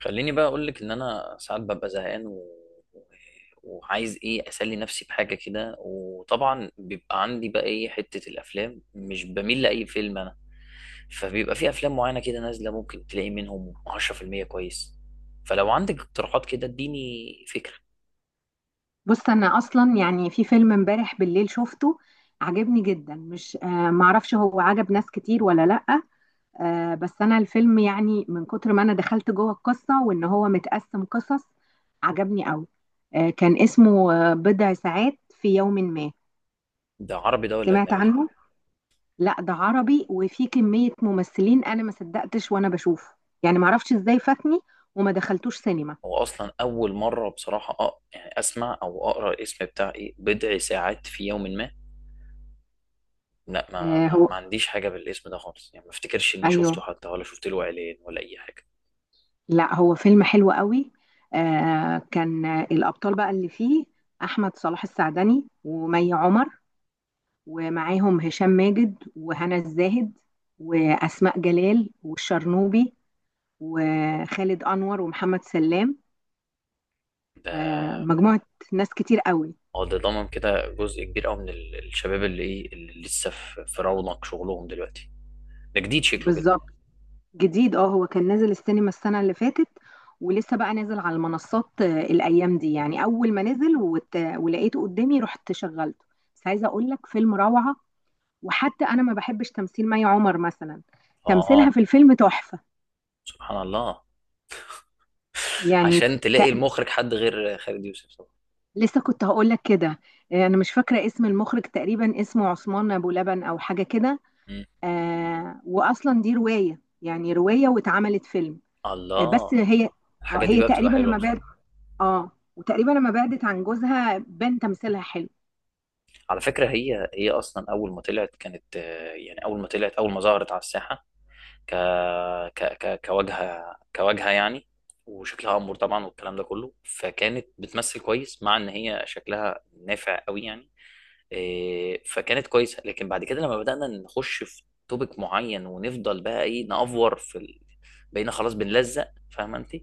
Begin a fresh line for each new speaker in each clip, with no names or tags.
خليني بقى اقول لك ان انا ساعات ببقى زهقان وعايز ايه اسلي نفسي بحاجه كده، وطبعا بيبقى عندي بقى ايه حته. الافلام مش بميل لاي فيلم انا، فبيبقى في افلام معينه كده نازله ممكن تلاقي منهم 10% كويس. فلو عندك اقتراحات كده اديني فكره.
بص، انا اصلا يعني في فيلم امبارح بالليل شفته. عجبني جدا، مش معرفش هو عجب ناس كتير ولا لأ. بس انا الفيلم، يعني، من كتر ما انا دخلت جوه القصة وان هو متقسم قصص، عجبني قوي. كان اسمه بضع ساعات في يوم ما.
ده عربي ده ولا
سمعت
اجنبي؟
عنه. لا، ده عربي، وفي كمية ممثلين انا ما صدقتش وانا بشوفه. يعني معرفش ازاي فاتني وما دخلتوش سينما.
هو اصلا اول مره بصراحه يعني اسمع او اقرا الاسم بتاع ايه بضع ساعات في يوم ما. لا ما,
آه.
ما,
هو،
ما عنديش حاجة بالاسم ده خالص، يعني ما افتكرش اني
ايوه،
شفته حتى ولا شفت له اعلان ولا اي حاجة.
لا، هو فيلم حلو قوي. كان الأبطال بقى اللي فيه: أحمد صلاح السعدني ومي عمر، ومعاهم هشام ماجد وهنا الزاهد، وأسماء جلال والشرنوبي، وخالد أنور ومحمد سلام.
ده
مجموعة، ناس كتير قوي.
هو ده ضمن كده جزء كبير قوي من الشباب اللي ايه اللي لسه في رونق شغلهم دلوقتي. ده جديد شكله كده.
بالظبط. جديد، هو كان نازل السينما السنة اللي فاتت، ولسه بقى نازل على المنصات الأيام دي. يعني أول ما نزل ولقيته قدامي رحت شغلته. بس عايزة أقول لك، فيلم روعة. وحتى انا ما بحبش تمثيل مي عمر مثلا،
اه
تمثيلها
آه،
في الفيلم تحفة.
سبحان الله.
يعني
عشان
ت...
تلاقي المخرج حد غير خالد يوسف طبعا.
لسه كنت هقول لك كده. انا مش فاكرة اسم المخرج، تقريبا اسمه عثمان ابو لبن او حاجة كده.
مم.
واصلا دي رواية، يعني رواية، واتعملت فيلم. بس
الله.
هي
الحاجات دي
هي
بقى بتبقى
تقريبا
حلوة
لما بعد.
بصراحة.
اه وتقريبا لما بعدت عن جوزها بان تمثيلها حلو.
على فكرة هي اصلا اول ما طلعت كانت آه، يعني اول ما ظهرت على الساحة ك... كواجهة، كواجهة يعني. وشكلها أمور طبعا والكلام ده كله، فكانت بتمثل كويس مع إن هي شكلها نافع قوي يعني. إيه، فكانت كويسة. لكن بعد كده لما بدأنا نخش في توبيك معين ونفضل بقى إيه نأفور في بقينا خلاص بنلزق، فاهمة أنت؟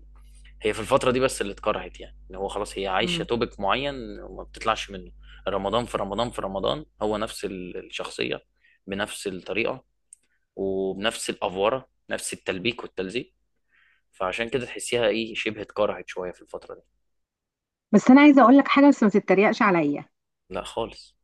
هي في الفترة دي بس اللي اتكرهت، يعني إن هو خلاص هي عايشة
مم.
توبيك معين وما بتطلعش منه. رمضان في رمضان في رمضان هو نفس الشخصية، بنفس الطريقة، وبنفس الافوره، نفس التلبيك والتلزيق. فعشان كده تحسيها ايه شبه اتكرهت شويه في الفتره دي.
بس انا عايزة اقول لك حاجة، بس ما تتريقش عليا.
لا خالص.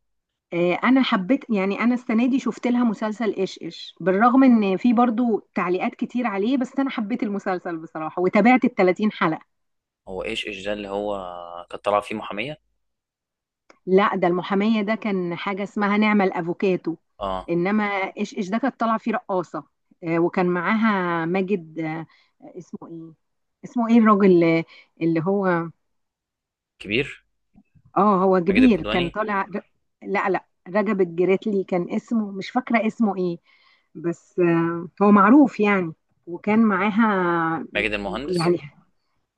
انا حبيت، يعني انا السنه دي شفت لها مسلسل ايش ايش. بالرغم ان في برضو تعليقات كتير عليه، بس انا حبيت المسلسل بصراحه وتابعت ال 30 حلقه.
هو ايش ايش ده اللي هو كانت طالعه فيه محاميه؟
لا، ده المحاميه ده كان حاجه اسمها نعمل افوكاتو.
اه
انما ايش ايش ده كانت طالعه فيه رقاصه. وكان معاها ماجد. اسمه ايه؟ اسمه ايه الراجل اللي هو؟
كبير.
اه هو
ماجد
كبير، كان
الكدواني.
طالع لا، لا، رجب الجريتلي كان اسمه، مش فاكرة اسمه ايه. بس هو معروف يعني. وكان معاها،
ماجد المهندس.
يعني،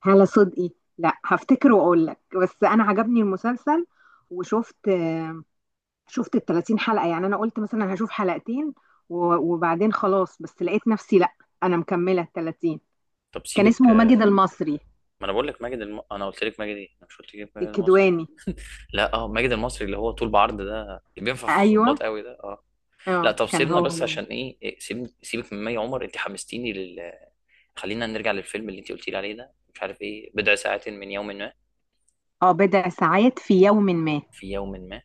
هالة صدقي. لا، هفتكر واقول لك، بس انا عجبني المسلسل. وشفت آه، شفت ال 30 حلقة. يعني انا قلت مثلا هشوف حلقتين وبعدين خلاص. بس لقيت نفسي لا، انا مكملة ال 30.
طب
كان
سيبك
اسمه ماجد
آه،
المصري.
ما انا بقول لك ماجد انا قلت لك ماجد ايه، انا مش قلت لك ماجد المصري.
الكدواني،
لا اه ماجد المصري اللي هو طول بعرض ده، اللي بينفع في
ايوه.
الظباط قوي ده اه. لا
اه
طب
كان
سيبنا
هو.
بس عشان ايه إيه، سيبك من مي عمر، انت حمستيني خلينا نرجع للفيلم اللي انت قلتي لي عليه ده، مش عارف ايه بضع ساعات من يوم ما.
اه، بضع ساعات في يوم ما.
في يوم ما.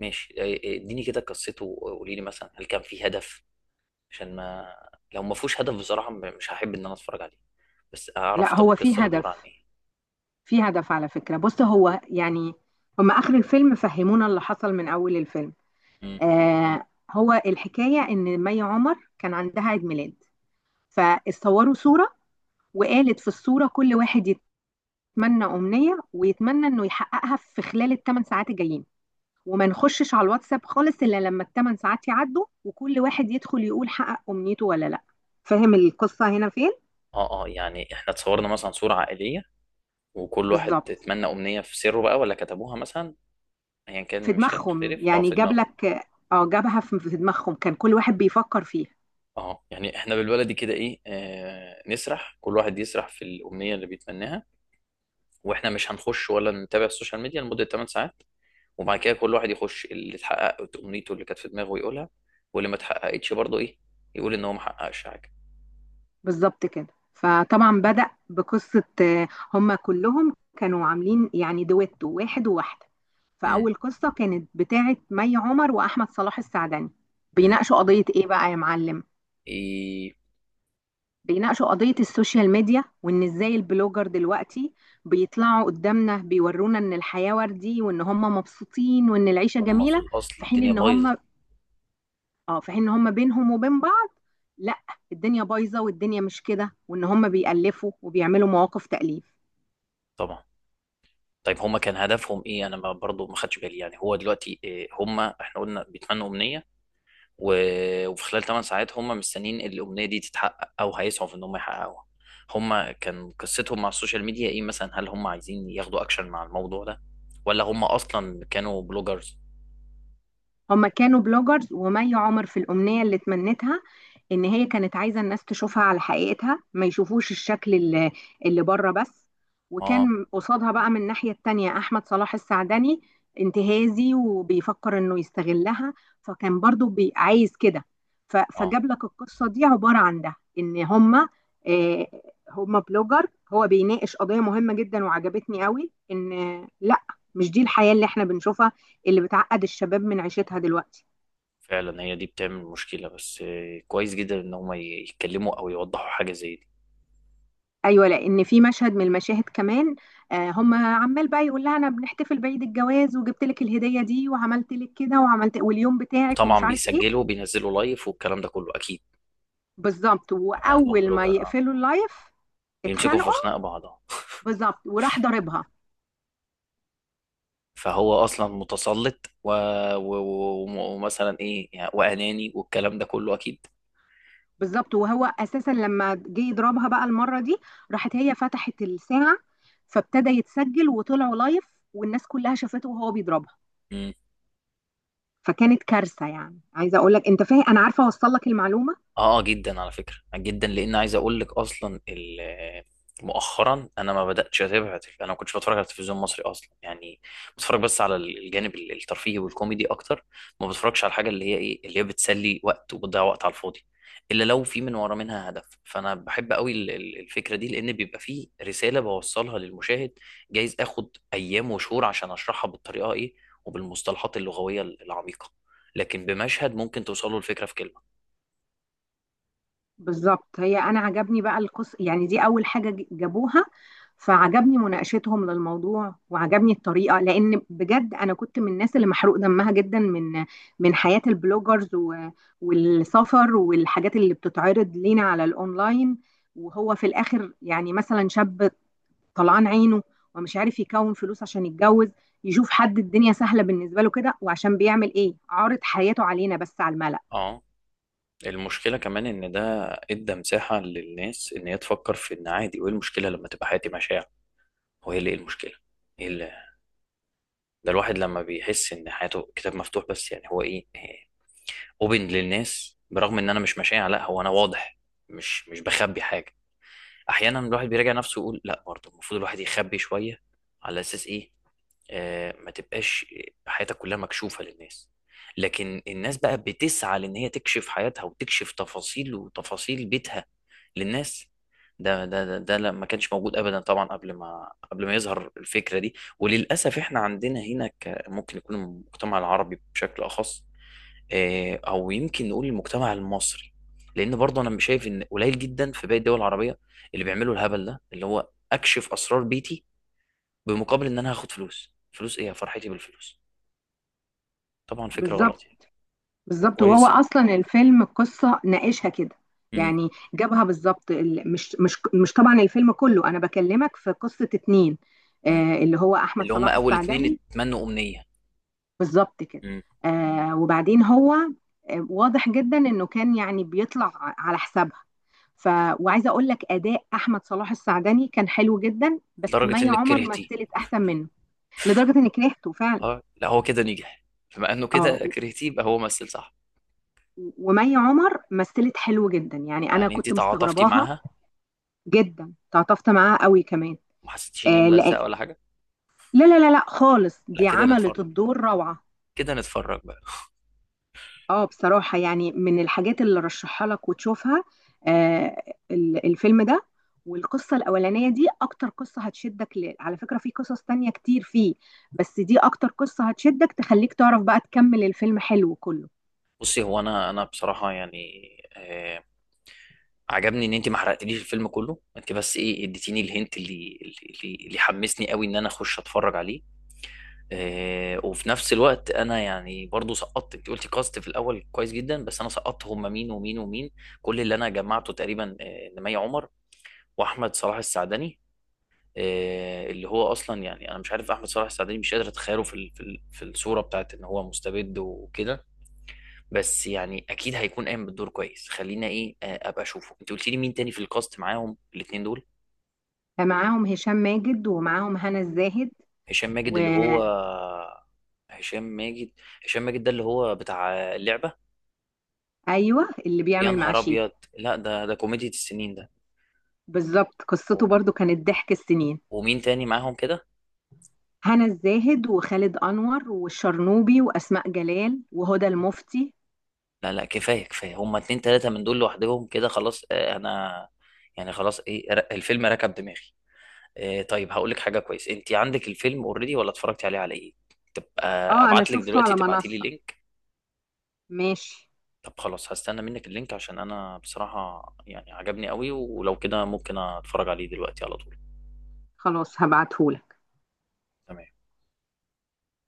ماشي إيه، اديني كده قصته وقولي لي مثلا هل كان فيه هدف؟ عشان ما، لو ما فيهوش هدف بصراحة مش هحب ان انا اتفرج عليه. بس اعرف
لا،
طب
هو في
القصة بتدور عن
هدف.
ايه.
في هدف، على فكرة. بص هو يعني، هم آخر الفيلم فهمونا اللي حصل من أول الفيلم.
مم.
هو الحكاية إن مي عمر كان عندها عيد ميلاد، فاتصوروا صورة، وقالت في الصورة كل واحد يتمنى أمنية ويتمنى إنه يحققها في خلال الثمان ساعات الجايين. وما نخشش على الواتساب خالص إلا لما الثمان ساعات يعدوا، وكل واحد يدخل يقول حقق أمنيته ولا لأ. فاهم القصة هنا فين؟
اه اه، يعني احنا اتصورنا مثلا صورة عائلية وكل واحد
بالظبط.
اتمنى امنية في سره بقى ولا كتبوها مثلا. ايا
في
كان مش
دماغهم،
هنختلف، اه
يعني
في
جاب
دماغه.
لك. اه جابها في دماغهم، كان كل واحد بيفكر فيها.
اه يعني احنا بالبلدي كده ايه آه نسرح، كل واحد يسرح في الامنية اللي بيتمناها، واحنا مش هنخش ولا نتابع السوشيال ميديا لمدة 8 ساعات. وبعد كده كل واحد يخش اللي اتحقق امنيته اللي كانت في دماغه يقولها، واللي ما اتحققتش برضه ايه، يقول ان هو ما حققش حاجه.
بالظبط كده. فطبعا بدأ بقصة. هم كلهم كانوا عاملين يعني دويتو، واحد وواحدة.
امم.
فأول قصة كانت بتاعة مي عمر وأحمد صلاح السعدني.
امم.
بيناقشوا قضية إيه بقى يا معلم؟
ايه.
بيناقشوا قضية السوشيال ميديا، وإن إزاي البلوجر دلوقتي بيطلعوا قدامنا بيورونا إن الحياة وردي وإن هم مبسوطين وإن العيشة
هم في
جميلة.
الاصل
في حين
الدنيا
إن
بايظه.
هم اه في حين ان هم بينهم وبين بعض، لا، الدنيا بايظه والدنيا مش كده، وان هم بيألفوا وبيعملوا مواقف تأليف.
طبعا. طيب هم كان هدفهم ايه؟ انا ما- برضه ما خدش بالي، يعني هو دلوقتي إيه، هم احنا قلنا بيتمنوا امنيه وفي خلال 8 ساعات هم مستنيين الامنيه دي تتحقق او هيسعوا في ان هم يحققوها. هم كان قصتهم مع السوشيال ميديا ايه مثلا؟ هل هم عايزين ياخدوا اكشن مع الموضوع ده، ولا هم اصلا كانوا بلوجرز؟
هما كانوا بلوجرز، ومي عمر في الأمنية اللي تمنتها إن هي كانت عايزة الناس تشوفها على حقيقتها، ما يشوفوش الشكل اللي بره بس.
اه
وكان قصادها بقى من الناحية التانية أحمد صلاح السعدني، انتهازي وبيفكر إنه يستغلها. فكان برضو عايز كده.
اه.
فجاب لك القصة دي عبارة عن ده إن هما آه، هما بلوجر. هو بيناقش قضية مهمة جدا، وعجبتني قوي إن، لا، مش دي الحياة اللي احنا بنشوفها، اللي بتعقد الشباب من عيشتها دلوقتي.
فعلا هي دي بتعمل مشكلة، بس آه، كويس جدا ان هم يتكلموا او يوضحوا حاجة زي دي.
ايوه، لان في مشهد من المشاهد كمان، هم عمال بقى يقول لها انا بنحتفل بعيد الجواز وجبت لك الهديه دي وعملت لك كده وعملت واليوم بتاعك ومش
وطبعا
عارف ايه.
بيسجلوا بينزلوا لايف والكلام ده كله اكيد.
بالظبط،
بما انهم
واول ما
بلوجر اه.
يقفلوا اللايف
بيمسكوا في
اتخانقوا.
خناق بعض آه.
بالظبط، وراح ضاربها.
فهو اصلا متسلط و... ومثلا ايه يعني واناني والكلام ده كله اكيد.
بالظبط، وهو اساسا لما جه يضربها بقى المره دي، راحت هي فتحت الساعه. فابتدى يتسجل وطلعوا لايف، والناس كلها شافته وهو بيضربها. فكانت كارثه. يعني عايزه اقول لك، انت فاهم، انا عارفه اوصل لك المعلومه.
اه جدا، على فكرة جدا، لان عايز اقول لك اصلا مؤخرا، انا ما انا ما كنتش بتفرج على التلفزيون المصري اصلا يعني. بتفرج بس على الجانب الترفيهي والكوميدي اكتر، ما بتفرجش على الحاجه اللي هي ايه، اللي هي بتسلي وقت وبتضيع وقت على الفاضي. الا لو في من ورا منها هدف، فانا بحب قوي الفكره دي لان بيبقى فيه رساله بوصلها للمشاهد. جايز اخد ايام وشهور عشان اشرحها بالطريقه ايه وبالمصطلحات اللغويه العميقه، لكن بمشهد ممكن توصله الفكره في كلمه.
بالظبط. هي انا عجبني بقى القص، يعني دي اول حاجه جابوها. فعجبني مناقشتهم للموضوع وعجبني الطريقه، لان بجد انا كنت من الناس اللي محروق دمها جدا من حياه البلوجرز والسفر والحاجات اللي بتتعرض لينا على الاونلاين. وهو في الاخر، يعني مثلا شاب طلعان عينه ومش عارف يكون فلوس عشان يتجوز، يشوف حد الدنيا سهله بالنسبه له كده. وعشان بيعمل ايه؟ عارض حياته علينا بس على الملأ.
اه. المشكلة كمان إن ده إدى مساحة للناس إن هي تفكر في إن عادي، وإيه المشكلة لما تبقى حياتي مشاع؟ هو إيه اللي، إيه المشكلة؟ إيه اللي، ده الواحد لما بيحس إن حياته كتاب مفتوح بس، يعني هو إيه، أوبن للناس، برغم إن أنا مش مشاع، لا هو أنا واضح، مش بخبي حاجة. أحيانا الواحد بيراجع نفسه ويقول لا برضه المفروض الواحد يخبي شوية. على أساس إيه؟ آه، ما تبقاش حياتك كلها مكشوفة للناس. لكن الناس بقى بتسعى لان هي تكشف حياتها وتكشف تفاصيل وتفاصيل بيتها للناس. ده ما كانش موجود ابدا طبعا قبل ما يظهر الفكرة دي. وللاسف احنا عندنا هنا ممكن يكون المجتمع العربي بشكل اخص آه، او يمكن نقول المجتمع المصري. لان برضه انا مش شايف، ان قليل جدا في باقي الدول العربية اللي بيعملوا الهبل ده اللي هو اكشف اسرار بيتي بمقابل ان انا هاخد فلوس. ايه فرحتي بالفلوس؟ طبعا فكره غلط
بالظبط،
يعني.
بالظبط. وهو
وكويس.
اصلا الفيلم القصه ناقشها كده.
مم.
يعني جابها بالظبط. مش طبعا الفيلم كله، انا بكلمك في قصه اتنين.
مم.
اللي هو احمد
اللي هم
صلاح
اول اتنين
السعدني،
اتمنوا امنيه.
بالظبط كده.
مم.
وبعدين هو واضح جدا انه كان يعني بيطلع على حسابها. ف وعايزه اقول لك، اداء احمد صلاح السعدني كان حلو جدا، بس
لدرجه
مي
انك
عمر
كرهتيه.
مثلت احسن منه. لدرجه اني كرهته فعلا.
اه لا هو كده نجح، بما انه
اه
كده
و-
كرهتيه يبقى هو مثل صح.
ومي عمر مثلت حلو جدا. يعني انا
يعني انت
كنت
تعاطفتي
مستغرباها.
معاها؟
جدا تعاطفت معاها قوي كمان.
وما حسيتيش ان هي
لأن،
ملزقه ولا حاجه؟
لا، لا، لا، لا، خالص،
لا
دي
كده نتفرج،
عملت الدور روعة.
كده نتفرج بقى.
اه بصراحة يعني، من الحاجات اللي رشحها لك وتشوفها، آه الفيلم ده. والقصة الأولانية دي أكتر قصة هتشدك على فكرة في قصص تانية كتير فيه، بس دي أكتر قصة هتشدك تخليك تعرف بقى تكمل. الفيلم حلو كله.
بصي هو انا بصراحه يعني آه، عجبني ان انت ما حرقتليش الفيلم كله، انت بس ايه اديتيني الهنت اللي حمسني قوي ان انا اخش اتفرج عليه. آه، وفي نفس الوقت انا يعني برضو سقطت، انت قلتي كاست في الاول كويس جدا بس انا سقطت هم مين ومين ومين. كل اللي انا جمعته تقريبا آه، نمية عمر واحمد صلاح السعدني. آه، اللي هو اصلا يعني انا مش عارف، احمد صلاح السعدني مش قادر اتخيله في الصوره بتاعت ان هو مستبد وكده، بس يعني اكيد هيكون قايم بالدور كويس. خلينا ايه آه، ابقى اشوفه. انت قلتي لي مين تاني في الكاست معاهم الاثنين دول؟
معاهم هشام ماجد ومعاهم هنا الزاهد.
هشام ماجد اللي هو
وأيوه،
هشام ماجد، هشام ماجد ده اللي هو بتاع اللعبه.
اللي
يا
بيعمل مع
نهار ابيض،
شيكو.
لا ده ده كوميديا السنين ده.
بالظبط، قصته
و-
برضو كانت ضحك السنين.
ومين تاني معاهم كده؟
هنا الزاهد وخالد أنور والشرنوبي وأسماء جلال وهدى المفتي.
لا لا، كفايه كفايه، هما اتنين تلاته من دول لوحدهم كده خلاص آه، انا يعني خلاص ايه الفيلم ركب دماغي. آه، طيب هقول لك حاجه كويس، انت عندك الفيلم اوريدي ولا اتفرجتي عليه على ايه؟ تبقى
اه، انا
ابعت لك
شفته
دلوقتي،
على
تبعتي لي
منصة.
لينك.
ماشي.
طب خلاص هستنى منك اللينك، عشان انا بصراحه يعني عجبني قوي ولو كده ممكن اتفرج عليه دلوقتي على طول.
خلاص هبعتهولك.
تمام.